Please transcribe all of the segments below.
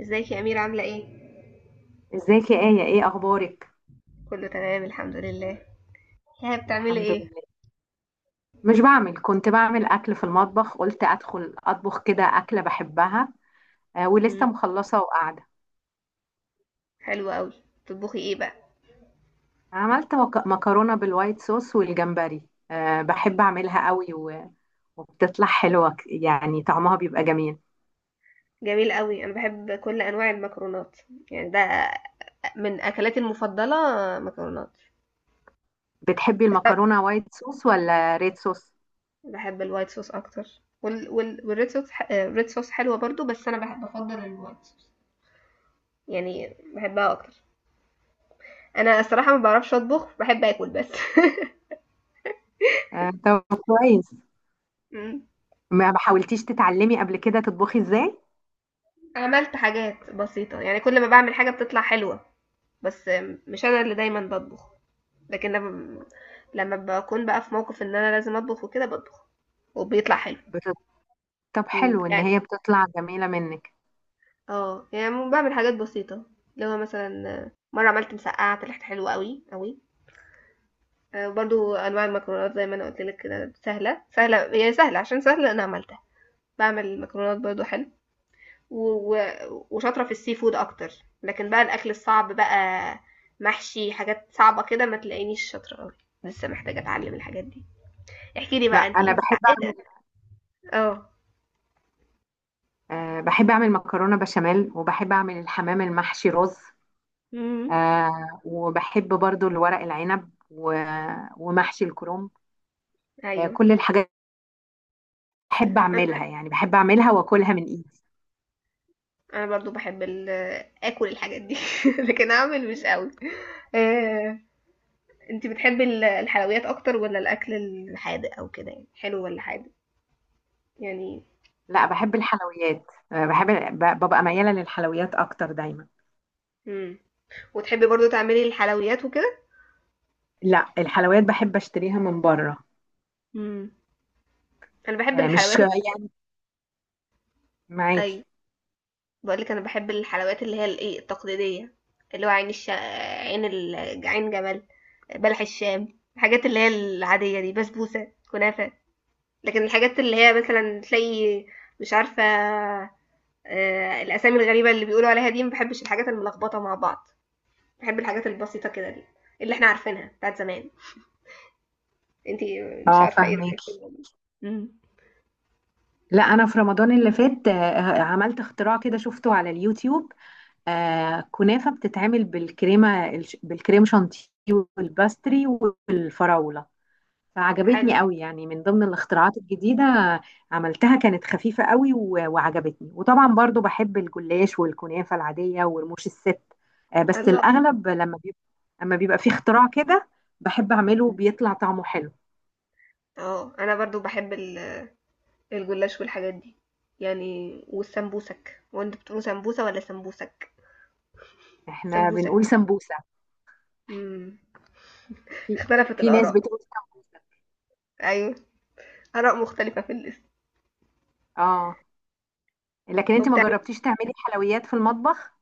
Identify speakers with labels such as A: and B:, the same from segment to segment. A: ازيك يا أميرة عاملة ايه؟
B: ازيك يا آية؟ ايه اخبارك؟
A: كله تمام الحمد لله. ها بتعملي
B: الحمد
A: ايه؟
B: لله. مش بعمل، كنت بعمل اكل في المطبخ، قلت ادخل اطبخ كده اكلة بحبها. آه ولسه
A: مم.
B: مخلصة وقاعدة.
A: حلوة قوي. بتطبخي ايه بقى؟
B: عملت مكرونة بالوايت صوص والجمبري. آه بحب اعملها قوي وبتطلع حلوة، يعني طعمها بيبقى جميل.
A: جميل قوي، انا بحب كل انواع المكرونات، يعني ده من اكلاتي المفضلة، مكرونات.
B: بتحبي المكرونة وايت صوص ولا ريد صوص؟
A: بحب الوايت صوص اكتر والريد صوص ح... آه، الريد صوص حلوة برضو، بس انا بحب، بفضل الوايت صوص، يعني بحبها اكتر. انا الصراحة ما بعرفش اطبخ، بحب اكل بس.
B: آه طب كويس.
A: مم.
B: ما حاولتيش تتعلمي قبل كده تطبخي ازاي؟
A: عملت حاجات بسيطة، يعني كل ما بعمل حاجة بتطلع حلوة، بس مش انا اللي دايما بطبخ، لكن لما باكون بقى في موقف ان انا لازم اطبخ وكده بطبخ، وبيطلع حلو.
B: بت- طب حلو ان
A: يعني،
B: هي بتطلع جميلة منك.
A: اه يعني بعمل حاجات بسيطة، اللي هو مثلا، مرة عملت مسقعة طلعت حلوة قوي قوي. برضو انواع المكرونات زي ما انا قلت لك كده سهلة، سهلة هي، سهلة عشان سهلة انا عملتها، بعمل مكرونات برضو حلو، وشاطرة في السي فود اكتر. لكن بقى الاكل الصعب بقى، محشي، حاجات صعبة كده ما تلاقينيش شاطرة قوي، لسه محتاجة اتعلم الحاجات دي. احكي لي
B: لا
A: بقى انت
B: انا
A: انت
B: بحب.
A: تعقدة. اه.
B: أه بحب أعمل مكرونة بشاميل، وبحب أعمل الحمام المحشي رز.
A: امم.
B: أه وبحب برضو الورق العنب ومحشي الكرنب. أه
A: ايوه.
B: كل الحاجات بحب
A: انا
B: أعملها، يعني بحب أعملها وأكلها من إيدي.
A: انا برضو بحب اكل الحاجات دي. لكن اعمل مش قوي. آه، انت بتحبي الحلويات اكتر ولا الاكل الحادق، او كده يعني، حلو ولا حادق؟ يعني.
B: لا بحب الحلويات. أه بحب، ببقى ميالة للحلويات أكتر دايما.
A: امم وتحبي برضو تعملي الحلويات وكده؟
B: لا الحلويات بحب أشتريها من بره.
A: امم انا بحب
B: أه مش
A: الحلويات.
B: يعني
A: ايوه.
B: معاكي.
A: بقولك انا بحب الحلويات اللي هي الايه التقليديه، اللي هو عين جمل، بلح الشام، الحاجات اللي هي العاديه دي، بسبوسه، كنافه. لكن الحاجات اللي هي مثلا تلاقي، مش عارفة، الأسامي الغريبة اللي بيقولوا عليها دي، ما بحبش الحاجات الملخبطة مع بعض، بحب الحاجات البسيطة كده دي، اللي احنا عارفينها بتاعت زمان. انتي، مش
B: اه
A: عارفة ايه
B: فاهمك.
A: رأيك في الموضوع؟ امم.
B: لا انا في رمضان اللي فات آه، عملت اختراع كده شفته على اليوتيوب. آه كنافة بتتعمل بالكريمة بالكريم شانتيه، والباستري، والفراولة.
A: حلو.
B: فعجبتني قوي، يعني من ضمن الاختراعات الجديدة. عملتها كانت خفيفة قوي وعجبتني، وطبعا برضو بحب الجلاش والكنافة العادية ورموش الست. آه بس
A: الله.
B: الأغلب لما بيبقى، لما بيبقى في اختراع كده بحب أعمله بيطلع طعمه حلو.
A: اه. انا برضو بحب الجلاش والحاجات دي، يعني، والسمبوسك. وانت بتقولوا سمبوسة ولا سمبوسك؟
B: احنا
A: سمبوسك.
B: بنقول سمبوسة.
A: امم.
B: في
A: اختلفت
B: في ناس
A: الآراء.
B: بتقول سمبوسة.
A: ايوه، آراء مختلفة في الاسم.
B: اه لكن انت ما
A: وبتاع.
B: جربتيش تعملي حلويات في المطبخ؟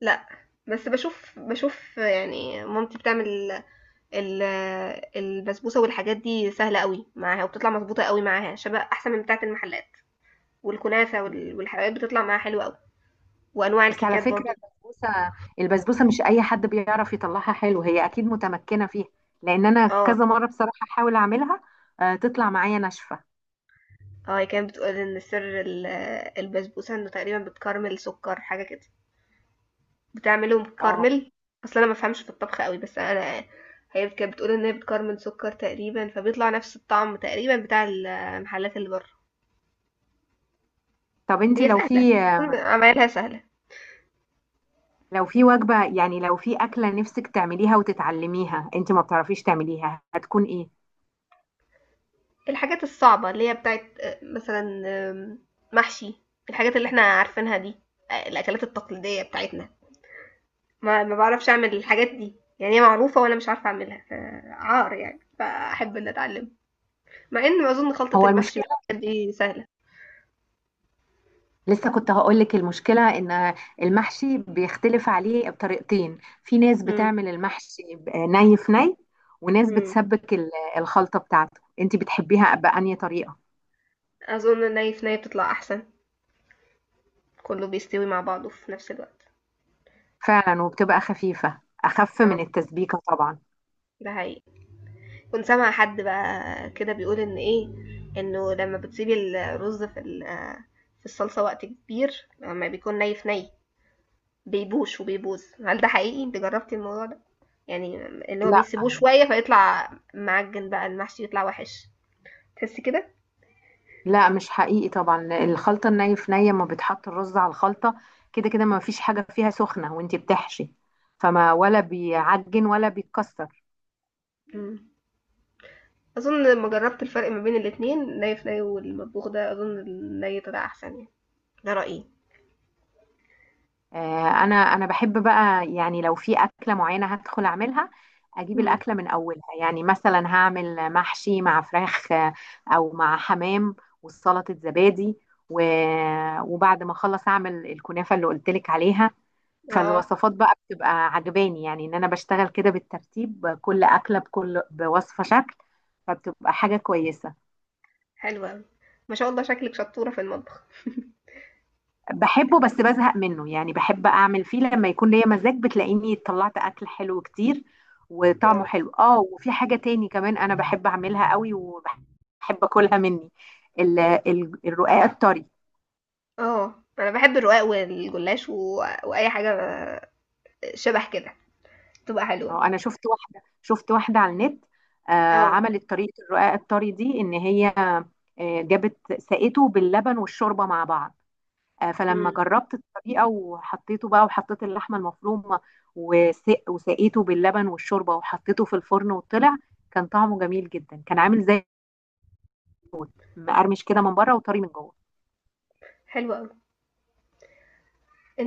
A: لأ، بس باشوف، باشوف، يعني مامتي بتعمل ال- البسبوسة والحاجات دي، سهلة أوي معاها، وبتطلع مضبوطة أوي معاها شبه أحسن من بتاعة المحلات، والكنافة والحلويات بتطلع معاها حلوة أوي، وأنواع
B: بس على
A: الكيكات
B: فكرة
A: برضه.
B: البسبوسة، البسبوسة مش أي حد بيعرف يطلعها حلو، هي أكيد متمكنة فيها. لأن أنا
A: اه.
B: كذا مرة بصراحة أحاول أعملها آه، تطلع معايا ناشفة.
A: اه، هي كانت بتقول إن سر البسبوسة إنه تقريبا بتكرمل سكر حاجة كده، بتعمله
B: اه
A: مكرمل. أصل أنا مفهمش في الطبخ أوي، بس أنا، هي كانت بتقول إن هي بتكرمل سكر تقريبا، فبيطلع نفس الطعم تقريبا بتاع المحلات اللي بره،
B: طب أنت
A: هي
B: لو
A: سهلة،
B: في،
A: الفول عمايلها سهلة.
B: لو في وجبة، يعني لو في أكلة نفسك تعمليها وتتعلميها أنت ما بتعرفيش تعمليها، هتكون إيه؟
A: الحاجات الصعبة اللي هي بتاعت مثلا، آم، محشي، الحاجات اللي احنا عارفينها دي، الأكلات التقليدية بتاعتنا، ما بعرفش أعمل الحاجات دي، يعني هي معروفة وأنا مش عارفة أعملها، فعار يعني، فأحب إن أتعلم، مع إن أظن خلطة
B: هو
A: المحشي
B: المشكلة،
A: والحاجات دي سهلة.
B: لسه كنت هقول لك المشكلة إن المحشي بيختلف عليه بطريقتين. في ناس
A: مم.
B: بتعمل المحشي ني في ني، وناس
A: مم.
B: بتسبك الخلطة بتاعته. أنت بتحبيها بأنهي طريقة؟
A: أظن الني في ني بتطلع أحسن، كله بيستوي مع بعضه في نفس الوقت.
B: فعلا وبتبقى خفيفة، أخف من
A: اه،
B: التسبيكة طبعا.
A: ده حقيقي. كنت سامعة حد بقى كده بيقول ان ايه، انه لما بتسيبي الرز في الصلصة وقت كبير لما بيكون ني في ني، بيبوش وبيبوظ. هل ده حقيقي؟ انت جربتي الموضوع ده، يعني اللي هو
B: لا
A: بيسيبوه شوية فيطلع معجن بقى المحشي، يطلع وحش، تحسي كده؟
B: لا مش حقيقي طبعا. الخلطة الني في نية ما بتحط الرز على الخلطة. كده كده ما فيش حاجة فيها سخنة وانتي بتحشي، فما ولا بيعجن ولا بيتكسر.
A: مم. اظن لما جربت الفرق ما بين الاتنين، ني في ني والمطبوخ ده، اظن الني طلع احسن، يعني ده رأيي.
B: آه، انا بحب بقى، يعني لو في أكلة معينة هدخل اعملها، اجيب
A: مم.
B: الأكلة من اولها. يعني مثلا هعمل محشي مع فراخ آه، او مع حمام، وسلطة زبادي، وبعد ما اخلص اعمل الكنافة اللي قلتلك عليها.
A: اه.
B: فالوصفات بقى بتبقى عجباني، يعني ان انا بشتغل كده بالترتيب كل اكله بكل بوصفه شكل، فبتبقى حاجه كويسه.
A: حلوة أوي. ما شاء الله، شكلك شطورة في المطبخ.
B: بحبه بس بزهق منه، يعني بحب اعمل فيه لما يكون ليا مزاج، بتلاقيني طلعت اكل حلو كتير وطعمه
A: اه.
B: حلو. اه وفي حاجه تاني كمان انا بحب اعملها قوي وبحب اكلها مني، الرقاق الطري.
A: اه، انا بحب الرقاق والجلاش واي حاجه شبه كده تبقى
B: هو
A: حلوه.
B: انا شفت واحده، شفت واحده على النت آه،
A: اه.
B: عملت طريقه الرقاق الطري دي ان هي آه جابت سقته باللبن والشوربه مع بعض. آه فلما
A: امم.
B: جربت الطريقه وحطيته بقى، وحطيت اللحمه المفرومه، وسق وسقيته باللبن والشوربه وحطيته في الفرن، وطلع كان طعمه جميل جدا. كان عامل زي مقرمش كده من بره وطري من جوه.
A: حلوه قوي.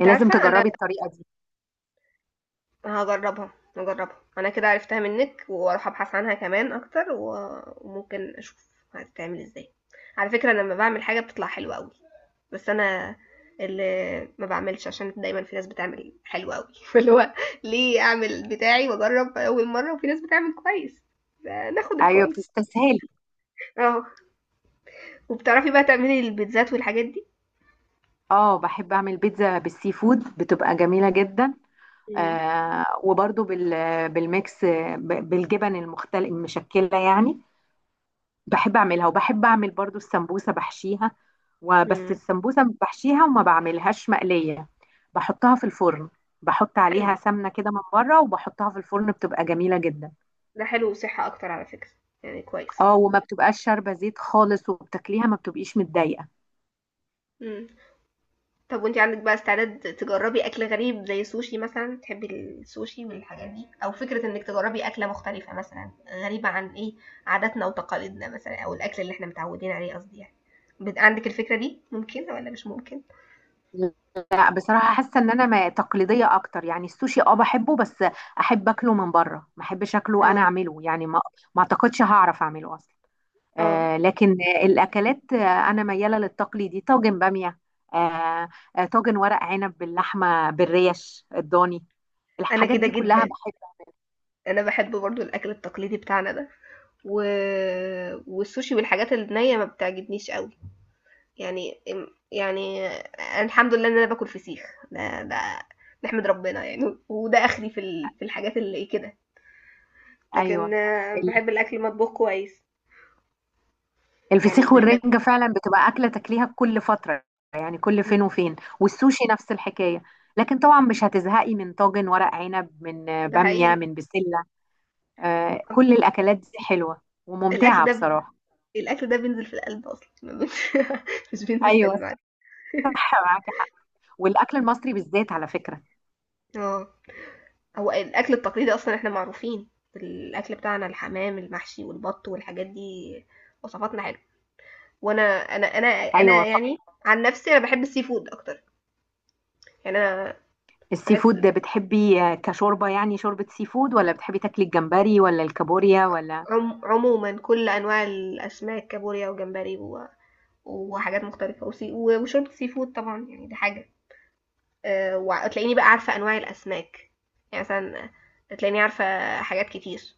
B: إيه، لازم
A: عارفه انا
B: تجربي الطريقه دي.
A: هجربها، هجربها، انا كده عرفتها منك، واروح ابحث عنها كمان اكتر، وممكن اشوف هتتعمل ازاي. على فكره، أنا لما بعمل حاجه بتطلع حلوه قوي، بس انا اللي ما بعملش عشان دايما في ناس بتعمل حلو قوي اللي هو، ليه اعمل بتاعي واجرب اول مره وفي ناس بتعمل كويس، ناخد
B: ايوه
A: الكويس.
B: بتستسهلي.
A: اه. وبتعرفي بقى تعملي البيتزات والحاجات دي؟
B: اه بحب اعمل بيتزا بالسي فود بتبقى جميله جدا.
A: مم.
B: آه وبرضو بال، بالميكس آه، بالجبن المختل المشكلة يعني. بحب اعملها، وبحب اعمل برضو السمبوسة بحشيها، وبس
A: مم.
B: السمبوسة بحشيها وما بعملهاش مقلية، بحطها في الفرن، بحط
A: حلو،
B: عليها سمنة كده من بره وبحطها في الفرن، بتبقى جميلة جدا.
A: ده حلو وصحة اكتر على فكرة، يعني كويس.
B: اه وما بتبقاش شاربة زيت خالص، وبتاكليها ما بتبقيش متضايقة.
A: مم. طب وانت عندك بقى استعداد تجربي اكل غريب زي السوشي مثلا؟ تحبي السوشي والحاجات دي، او فكرة انك تجربي اكلة مختلفة مثلا، غريبة عن ايه، عاداتنا وتقاليدنا مثلا، او الاكل اللي احنا متعودين عليه قصدي يعني، عندك الفكرة دي ممكنة ولا مش ممكن؟
B: لا بصراحة حاسة ان انا تقليدية اكتر. يعني السوشي اه بحبه، بس احب اكله من بره، ما احبش اكله
A: اه.
B: انا اعمله، يعني ما، ما اعتقدش هعرف اعمله اصلا.
A: اه،
B: آه لكن الاكلات، آه انا ميالة للتقليدي، طاجن بامية آه، آه، طاجن ورق عنب باللحمة بالريش الضاني،
A: انا
B: الحاجات
A: كده
B: دي كلها
A: جدا،
B: بحبها.
A: انا بحب برضو الاكل التقليدي بتاعنا ده، و... والسوشي والحاجات النية ما بتعجبنيش قوي، يعني، يعني، الحمد لله ان انا باكل فسيخ، ده نحمد ربنا، يعني وده اخري في الحاجات اللي كده، لكن
B: ايوه
A: بحب الاكل مطبوخ كويس، يعني
B: الفسيخ
A: ما.
B: والرنجة فعلا بتبقى أكلة تاكليها كل فترة، يعني كل فين
A: مم.
B: وفين، والسوشي نفس الحكاية. لكن طبعا مش هتزهقي من طاجن ورق عنب، من آه،
A: ده
B: بامية،
A: حقيقي.
B: من بسلة. آه،
A: طبعا.
B: كل الأكلات دي حلوة
A: الاكل
B: وممتعة
A: ده ب...
B: بصراحة.
A: الاكل ده بينزل في القلب اصلا ما بي- مش بينزل في
B: أيوة
A: المعده.
B: صح معاكي حق، والأكل المصري بالذات على فكرة.
A: اه. هو الاكل التقليدي اصلا احنا معروفين، الاكل بتاعنا الحمام المحشي والبط والحاجات دي، وصفاتنا حلوه. وانا انا انا انا
B: أيوة
A: يعني، عن نفسي انا بحب السي فود اكتر، يعني انا،
B: السي
A: بس
B: فود ده بتحبي آه، كشوربة يعني شوربة سي فود، ولا بتحبي تاكلي الجمبري ولا الكابوريا ولا؟
A: عموما كل انواع الاسماك، كابوريا وجمبري وحاجات مختلفه، وشوربه سي فود طبعا، يعني دي حاجه. أه، وتلاقيني بقى عارفه انواع الاسماك، يعني مثلا تلاقيني عارفه حاجات كتير،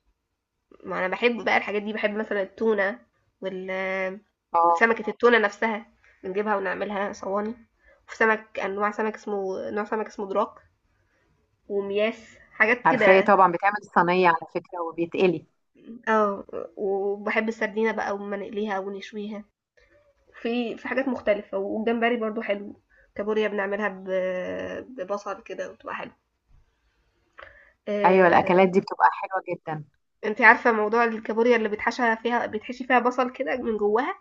A: ما انا بحب بقى الحاجات دي، بحب مثلا التونه وال
B: اه
A: سمكه التونه نفسها، بنجيبها ونعملها صواني. وفي سمك، انواع سمك اسمه، نوع سمك اسمه دراك، ومياس، حاجات
B: عارفاه
A: كده.
B: طبعا، بتعمل الصينية على فكرة وبيتقلي.
A: اه. وبحب السردينه بقى، وما نقليها ونشويها، في حاجات مختلفة، والجمبري برضو حلو، كابوريا بنعملها ببصل كده وتبقى حلو.
B: أيوة
A: آه،
B: الأكلات دي بتبقى حلوة جدا.
A: انت عارفة موضوع الكابوريا اللي بيتحشى فيها، بيتحشي فيها بصل كده من جواها،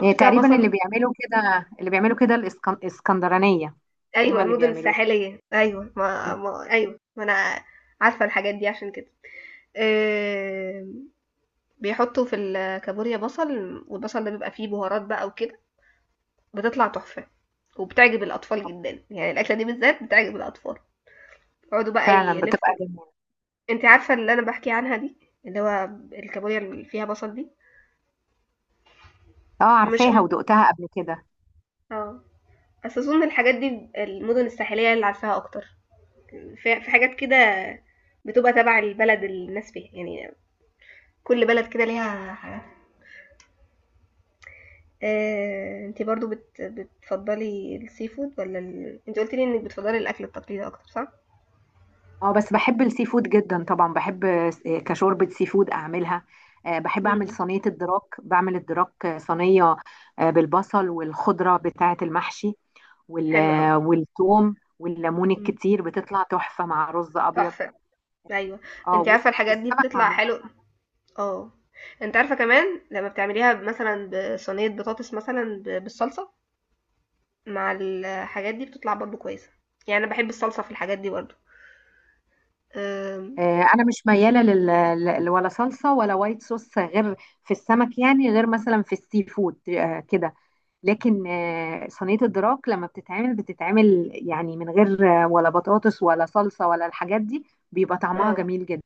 B: يعني
A: فيها
B: تقريبا
A: بصل.
B: اللي بيعملوا كده، اللي بيعملوا كده الاسكندرانية،
A: ايوه،
B: هم اللي
A: المدن
B: بيعملوه.
A: الساحلية، ايوه، ما ايوه، ما انا عارفة الحاجات دي عشان كده. آه، بيحطوا في الكابوريا بصل، والبصل ده بيبقى فيه بهارات بقى وكده، بتطلع تحفة، وبتعجب الأطفال جدا، يعني الأكلة دي بالذات بتعجب الأطفال، يقعدوا بقى
B: فعلا بتبقى
A: يلفوا.
B: جميلة.
A: أنتِ عارفة اللي أنا باحكي عنها دي، اللي هو الكابوريا اللي فيها بصل دي؟
B: اه
A: مش م
B: عارفاها ودقتها قبل كده.
A: آه، بس أظن الحاجات دي، المدن الساحلية هي اللي عارفاها أكتر، في حاجات كده بتبقى تبع البلد اللي الناس فيها، يعني كل بلد كده ليها حاجات. أنتِ برضه بتفضّلي الseafood والّا أنتِ قُلتِ لي إنِّك بتفضّلي الأكل التقليدي أكتر، صح؟
B: اه بس بحب السي فود جدا طبعا، بحب آه، كشوربة سي فود اعملها. آه، بحب اعمل
A: إمم،
B: صينية الدراك، بعمل الدراك آه، صينية آه، بالبصل والخضرة بتاعة المحشي،
A: حلو أوي،
B: آه، والثوم والليمون
A: إمم،
B: الكتير، بتطلع تحفة مع رز ابيض.
A: تحفة، أيوه.
B: اه
A: أنتِ عارفة الحاجات دي
B: والسمك
A: بتطلع
B: عامة.
A: حلو، آه. أنتِ عارفة كمان لمّا بتعمليها مثلًا بصينية بطاطس مثلًا بالصلصة مع الحاجات دي، بتطلع برضه كويسة، يعني أنا باحب الصلصة في الحاجات دي برضه. آمم،
B: آه، انا مش مياله لل، ولا صلصه ولا وايت صوص، غير في السمك، يعني غير مثلا في السي فود آه، كده. لكن آه، صينيه الدراك لما بتتعمل، بتتعمل يعني من غير آه، ولا بطاطس ولا صلصه ولا الحاجات دي، بيبقى طعمها
A: آه،
B: جميل جدا.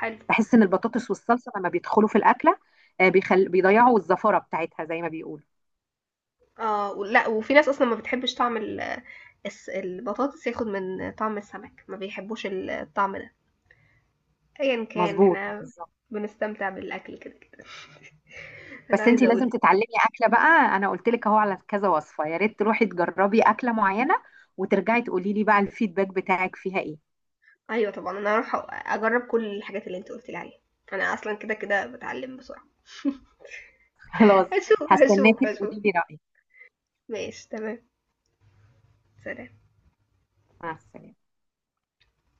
A: حلو.
B: بحس ان البطاطس والصلصه لما بيدخلوا في الاكله آه، بيخل، بيضيعوا الزفره بتاعتها زي ما بيقولوا.
A: ولأ، وفي ناس أصلًا ما بتحبش طعم ال الس البطاطس، ياخد من طعم السمك، ما بيحبوش الطعم ده، أيًا كان
B: مظبوط
A: إحنا
B: بالظبط.
A: بنستمتع بالأكل كده، كده. أنا
B: بس انتي
A: عايزة أقول
B: لازم
A: لِك،
B: تتعلمي اكله بقى، انا قلت لك اهو على كذا وصفه، يا ريت تروحي تجربي اكله معينه وترجعي تقولي لي بقى الفيدباك بتاعك فيها ايه.
A: أيوه طبعًا، أنا هاروح أجرّب كل الحاجات اللي أنتِ قُلتِ لي عليها، أنا أصلًا كده، كده باتعلم بسرعة.
B: خلاص،
A: هاشوف، هاشوف،
B: هستناكي
A: هاشوف.
B: تقولي لي رايك.
A: ماشي تمام. سلام.
B: مع السلامه.